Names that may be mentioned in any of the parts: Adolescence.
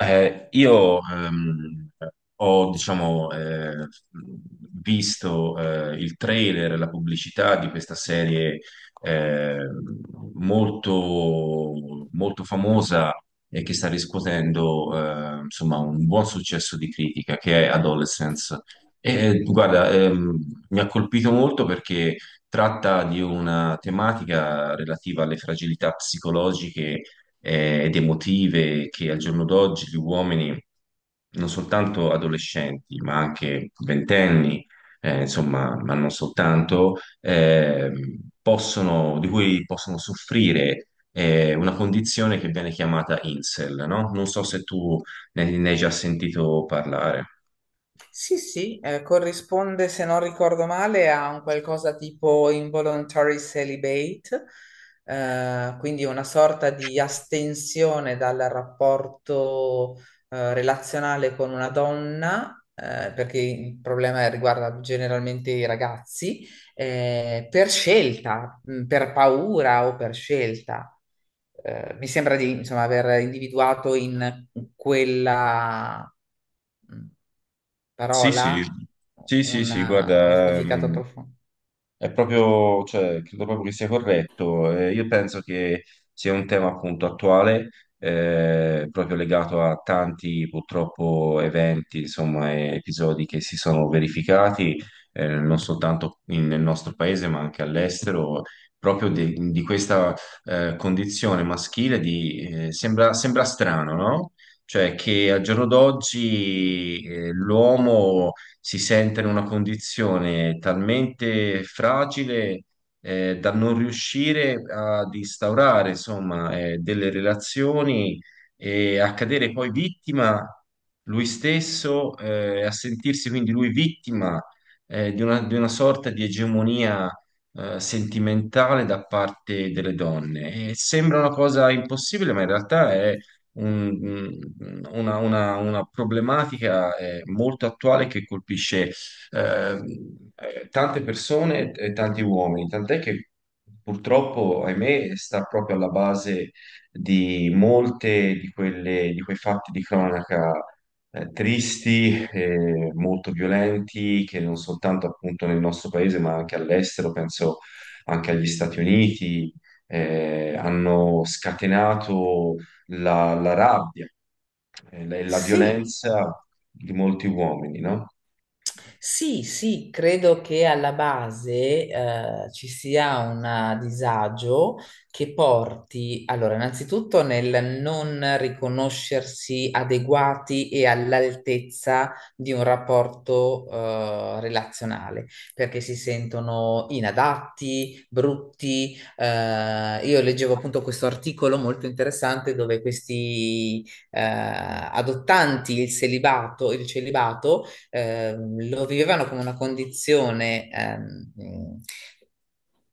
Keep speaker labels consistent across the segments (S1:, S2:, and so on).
S1: Io ho, diciamo, visto il trailer, la pubblicità di questa serie eh, molto, molto famosa e che sta riscuotendo insomma, un buon successo di critica, che è Adolescence. E, guarda, mi ha colpito molto perché tratta di una tematica relativa alle fragilità psicologiche ed emotive che al giorno d'oggi gli uomini, non soltanto adolescenti, ma anche ventenni, insomma, ma non soltanto, possono, di cui possono soffrire una condizione che viene chiamata incel, no? Non so se tu ne hai già sentito parlare.
S2: Sì, sì, corrisponde, se non ricordo male, a un qualcosa tipo involuntary celibate, quindi una sorta di astensione dal rapporto, relazionale con una donna, perché il problema riguarda generalmente i ragazzi, per scelta, per paura o per scelta mi sembra di, insomma, aver individuato in quella mh,
S1: Sì,
S2: parola
S1: sì, sì, sì, sì,
S2: un
S1: guarda,
S2: significato profondo.
S1: è proprio, cioè, credo proprio che sia corretto. Io penso che sia un tema appunto attuale, proprio legato a tanti purtroppo eventi, insomma, e episodi che si sono verificati, non soltanto nel nostro paese, ma anche all'estero, proprio di questa condizione maschile di, sembra, sembra strano, no? Cioè che al giorno d'oggi l'uomo si sente in una condizione talmente fragile da non riuscire ad instaurare, insomma, delle relazioni e a cadere poi vittima lui stesso, a sentirsi quindi lui vittima di una sorta di egemonia sentimentale da parte delle donne. E sembra una cosa impossibile, ma in realtà è un- una problematica molto attuale che colpisce eh, tante persone e tanti uomini, tant'è che purtroppo, ahimè, sta proprio alla base di molte di quei fatti di cronaca tristi, molto violenti, che non soltanto appunto nel nostro paese, ma anche all'estero, penso anche agli Stati Uniti, hanno scatenato la rabbia e la
S2: Sì,
S1: violenza di molti uomini, no?
S2: sì, sì, credo che alla base ci sia un disagio che porti, allora, innanzitutto nel non riconoscersi adeguati e all'altezza di un rapporto relazionale, perché si sentono inadatti, brutti. Io leggevo appunto questo articolo molto interessante dove questi adottanti il celibato lo vivevano come una condizione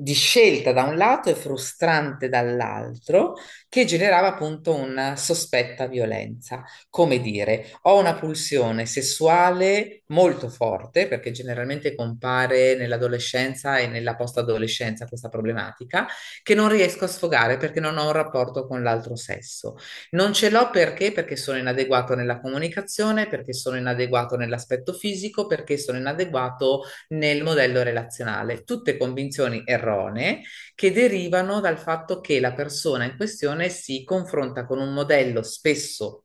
S2: di scelta da un lato e frustrante dall'altro, che generava appunto una sospetta violenza. Come dire, ho una pulsione sessuale molto forte, perché generalmente compare nell'adolescenza e nella post-adolescenza questa problematica, che non riesco a sfogare perché non ho un rapporto con l'altro sesso. Non ce l'ho perché? Perché sono inadeguato nella comunicazione, perché sono inadeguato nell'aspetto fisico, perché sono inadeguato nel modello relazionale. Tutte convinzioni erronee che derivano dal fatto che la persona in questione si confronta con un modello spesso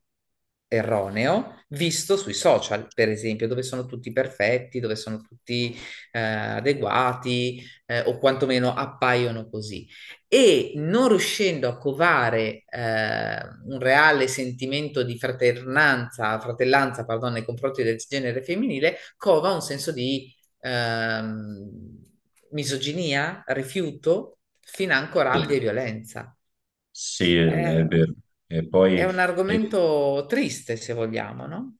S2: erroneo visto sui social, per esempio, dove sono tutti perfetti, dove sono tutti adeguati, o quantomeno appaiono così. E non riuscendo a covare un reale sentimento di fraternanza, fratellanza, pardon, nei confronti del genere femminile, cova un senso di ehm, misoginia, rifiuto, financo
S1: Sì,
S2: rabbia e violenza.
S1: sì, è
S2: Eh,
S1: vero. E
S2: è
S1: poi
S2: un
S1: eh,
S2: argomento triste, se vogliamo, no?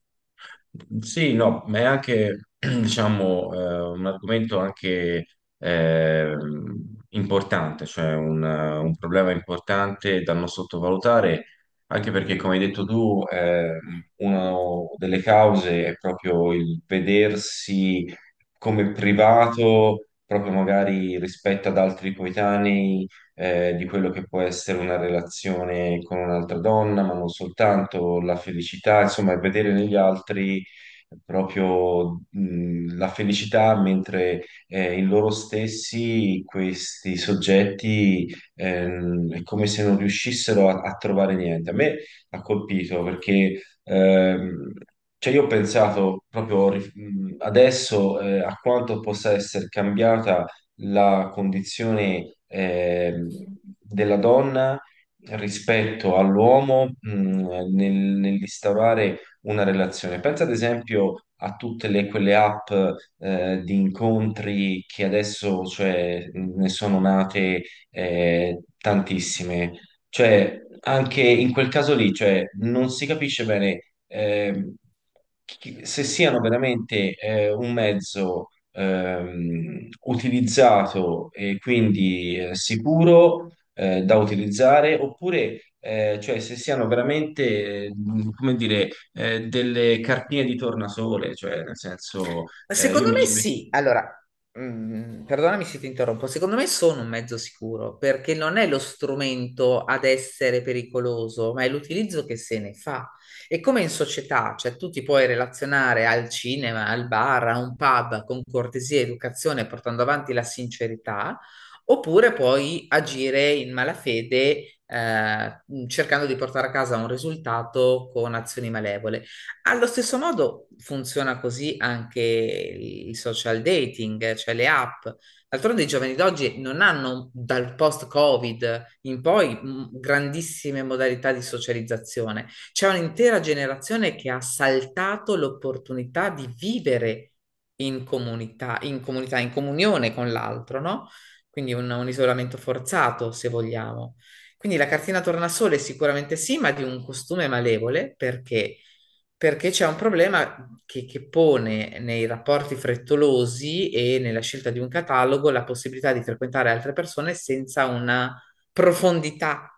S1: sì, no, ma è anche, diciamo, un argomento anche importante, cioè un problema importante da non sottovalutare, anche perché, come hai detto tu, una delle cause è proprio il vedersi come privato, proprio magari rispetto ad altri coetanei, di quello che può essere una relazione con un'altra donna, ma non soltanto la felicità, insomma, è vedere negli altri proprio la felicità, mentre in loro stessi questi soggetti è come se non riuscissero a trovare niente. A me ha colpito perché cioè io ho pensato proprio adesso a quanto possa essere cambiata la condizione della donna rispetto all'uomo nell'instaurare una relazione. Pensa ad esempio a tutte quelle app di incontri che adesso, cioè, ne sono nate tantissime. Cioè, anche in quel caso lì, cioè, non si capisce bene se siano veramente un mezzo utilizzato e quindi sicuro da utilizzare, oppure cioè, se siano veramente, come dire, delle cartine di tornasole, cioè nel senso io
S2: Secondo
S1: mi
S2: me
S1: ci metto.
S2: sì. Allora, perdonami se ti interrompo. Secondo me sono un mezzo sicuro perché non è lo strumento ad essere pericoloso, ma è l'utilizzo che se ne fa. E come in società, cioè tu ti puoi relazionare al cinema, al bar, a un pub con cortesia e educazione, portando avanti la sincerità, oppure puoi agire in malafede, cercando di portare a casa un risultato con azioni malevole. Allo stesso modo funziona così anche il social dating, cioè le app. D'altronde i giovani d'oggi non hanno dal post-Covid in poi grandissime modalità di socializzazione. C'è un'intera generazione che ha saltato l'opportunità di vivere in comunità, in comunità, in comunione con l'altro, no? Quindi un isolamento forzato, se vogliamo. Quindi la cartina tornasole sicuramente sì, ma di un costume malevole perché c'è un problema che pone nei rapporti frettolosi e nella scelta di un catalogo la possibilità di frequentare altre persone senza una profondità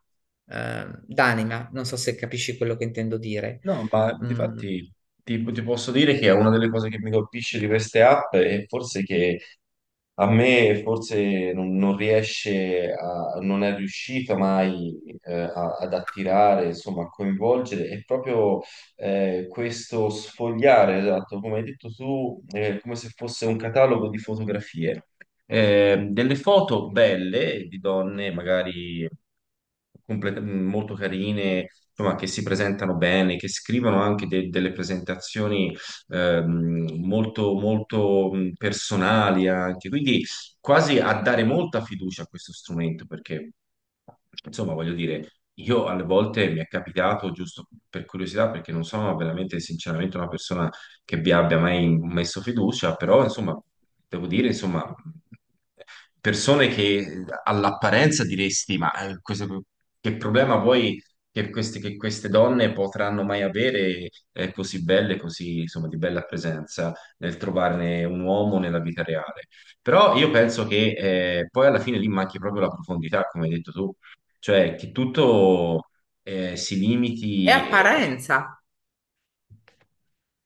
S2: d'anima. Non so se capisci quello che intendo dire.
S1: No, ma
S2: Mm,
S1: difatti ti posso dire che è una delle cose che mi colpisce di queste app è forse che a me forse non riesce non è riuscita mai ad attirare, insomma, a coinvolgere, è proprio questo sfogliare, esatto, come hai detto tu, è come se fosse un catalogo di fotografie delle foto belle di donne, magari molto carine, insomma, che si presentano bene, che scrivono anche delle presentazioni molto, molto personali anche, quindi quasi a dare molta fiducia a questo strumento, perché, insomma, voglio dire, io alle volte mi è capitato, giusto per curiosità, perché non sono veramente sinceramente una persona che vi abbia mai messo fiducia, però insomma, devo dire, insomma, persone che all'apparenza diresti, ma che problema vuoi che queste donne potranno mai avere così belle, così insomma di bella presenza nel trovarne un uomo nella vita reale. Però io penso che poi alla fine lì manchi proprio la profondità, come hai detto tu, cioè che tutto si
S2: è
S1: limiti.
S2: apparenza.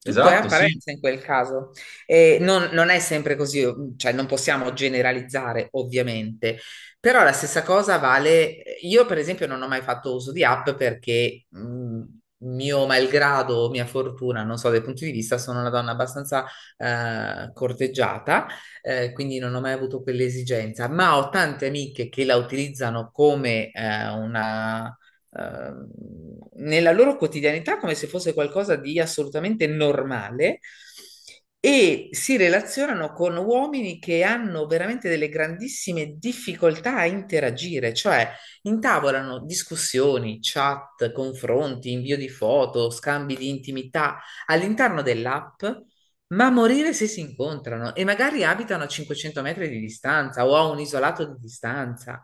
S2: Tutto è
S1: Esatto, sì.
S2: apparenza in quel caso. E non è sempre così, cioè non possiamo generalizzare ovviamente, però la stessa cosa vale. Io, per esempio, non ho mai fatto uso di app perché, mio malgrado o mia fortuna, non so, dai punti di vista, sono una donna abbastanza corteggiata, quindi non ho mai avuto quell'esigenza, ma ho tante amiche che la utilizzano come una ehm, nella loro quotidianità come se fosse qualcosa di assolutamente normale e si relazionano con uomini che hanno veramente delle grandissime difficoltà a interagire, cioè intavolano discussioni, chat, confronti, invio di foto, scambi di intimità all'interno dell'app ma a morire se si incontrano e magari abitano a 500 metri di distanza o a un isolato di distanza.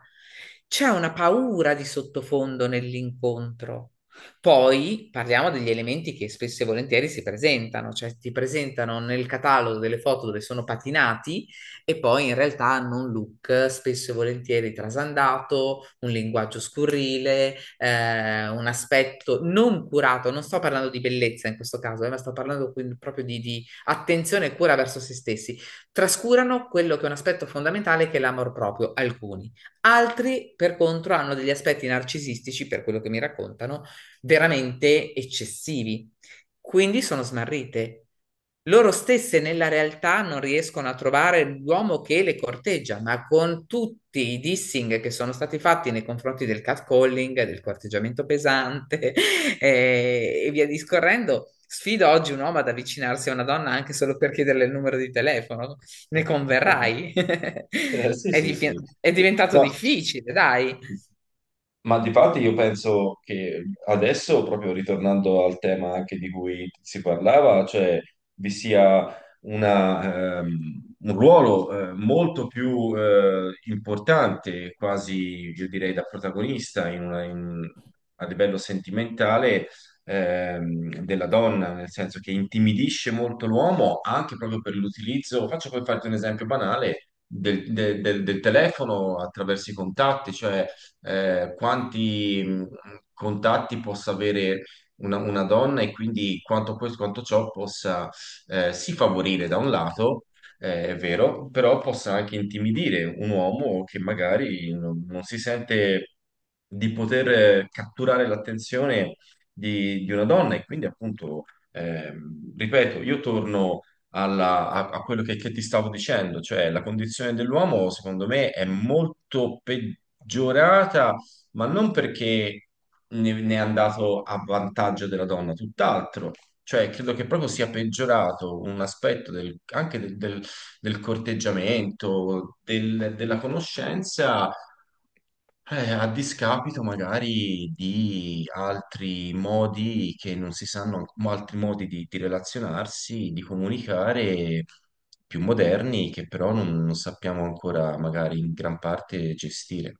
S2: C'è una paura di sottofondo nell'incontro. Poi parliamo degli elementi che spesso e volentieri si presentano, cioè ti presentano nel catalogo delle foto dove sono patinati e poi in realtà hanno un look spesso e volentieri trasandato, un linguaggio scurrile, un aspetto non curato. Non sto parlando di bellezza in questo caso, ma sto parlando quindi proprio di attenzione e cura verso se stessi. Trascurano quello che è un aspetto fondamentale che è l'amor proprio, alcuni. Altri, per contro, hanno degli aspetti narcisistici, per quello che mi raccontano, veramente eccessivi quindi sono smarrite. Loro stesse nella realtà non riescono a trovare l'uomo che le corteggia, ma con tutti i dissing che sono stati fatti nei confronti del catcalling, del corteggiamento pesante e via discorrendo, sfido oggi un uomo ad avvicinarsi a una donna anche solo per chiederle il numero di telefono. Ne converrai.
S1: Sì,
S2: È,
S1: sì, sì.
S2: div- è diventato
S1: No.
S2: difficile, dai.
S1: Ma di parte io penso che adesso, proprio ritornando al tema anche di cui si parlava, cioè vi sia una, un ruolo molto più importante, quasi io direi da protagonista in a livello sentimentale della donna, nel senso che intimidisce molto l'uomo anche proprio per l'utilizzo. Faccio per farti un esempio banale del telefono attraverso i contatti, cioè quanti contatti possa avere una donna e quindi quanto questo, quanto ciò possa sì favorire da un lato, è vero, però possa anche intimidire un uomo che magari non si sente di poter catturare l'attenzione di una donna e quindi appunto, ripeto, io torno a quello che ti stavo dicendo, cioè la condizione dell'uomo secondo me è molto peggiorata, ma non perché ne è andato a vantaggio della donna, tutt'altro. Cioè, credo che proprio sia peggiorato un aspetto anche del corteggiamento, della conoscenza, a discapito magari di altri modi che non si sanno, altri modi di relazionarsi, di comunicare più moderni che però non sappiamo ancora magari in gran parte gestire.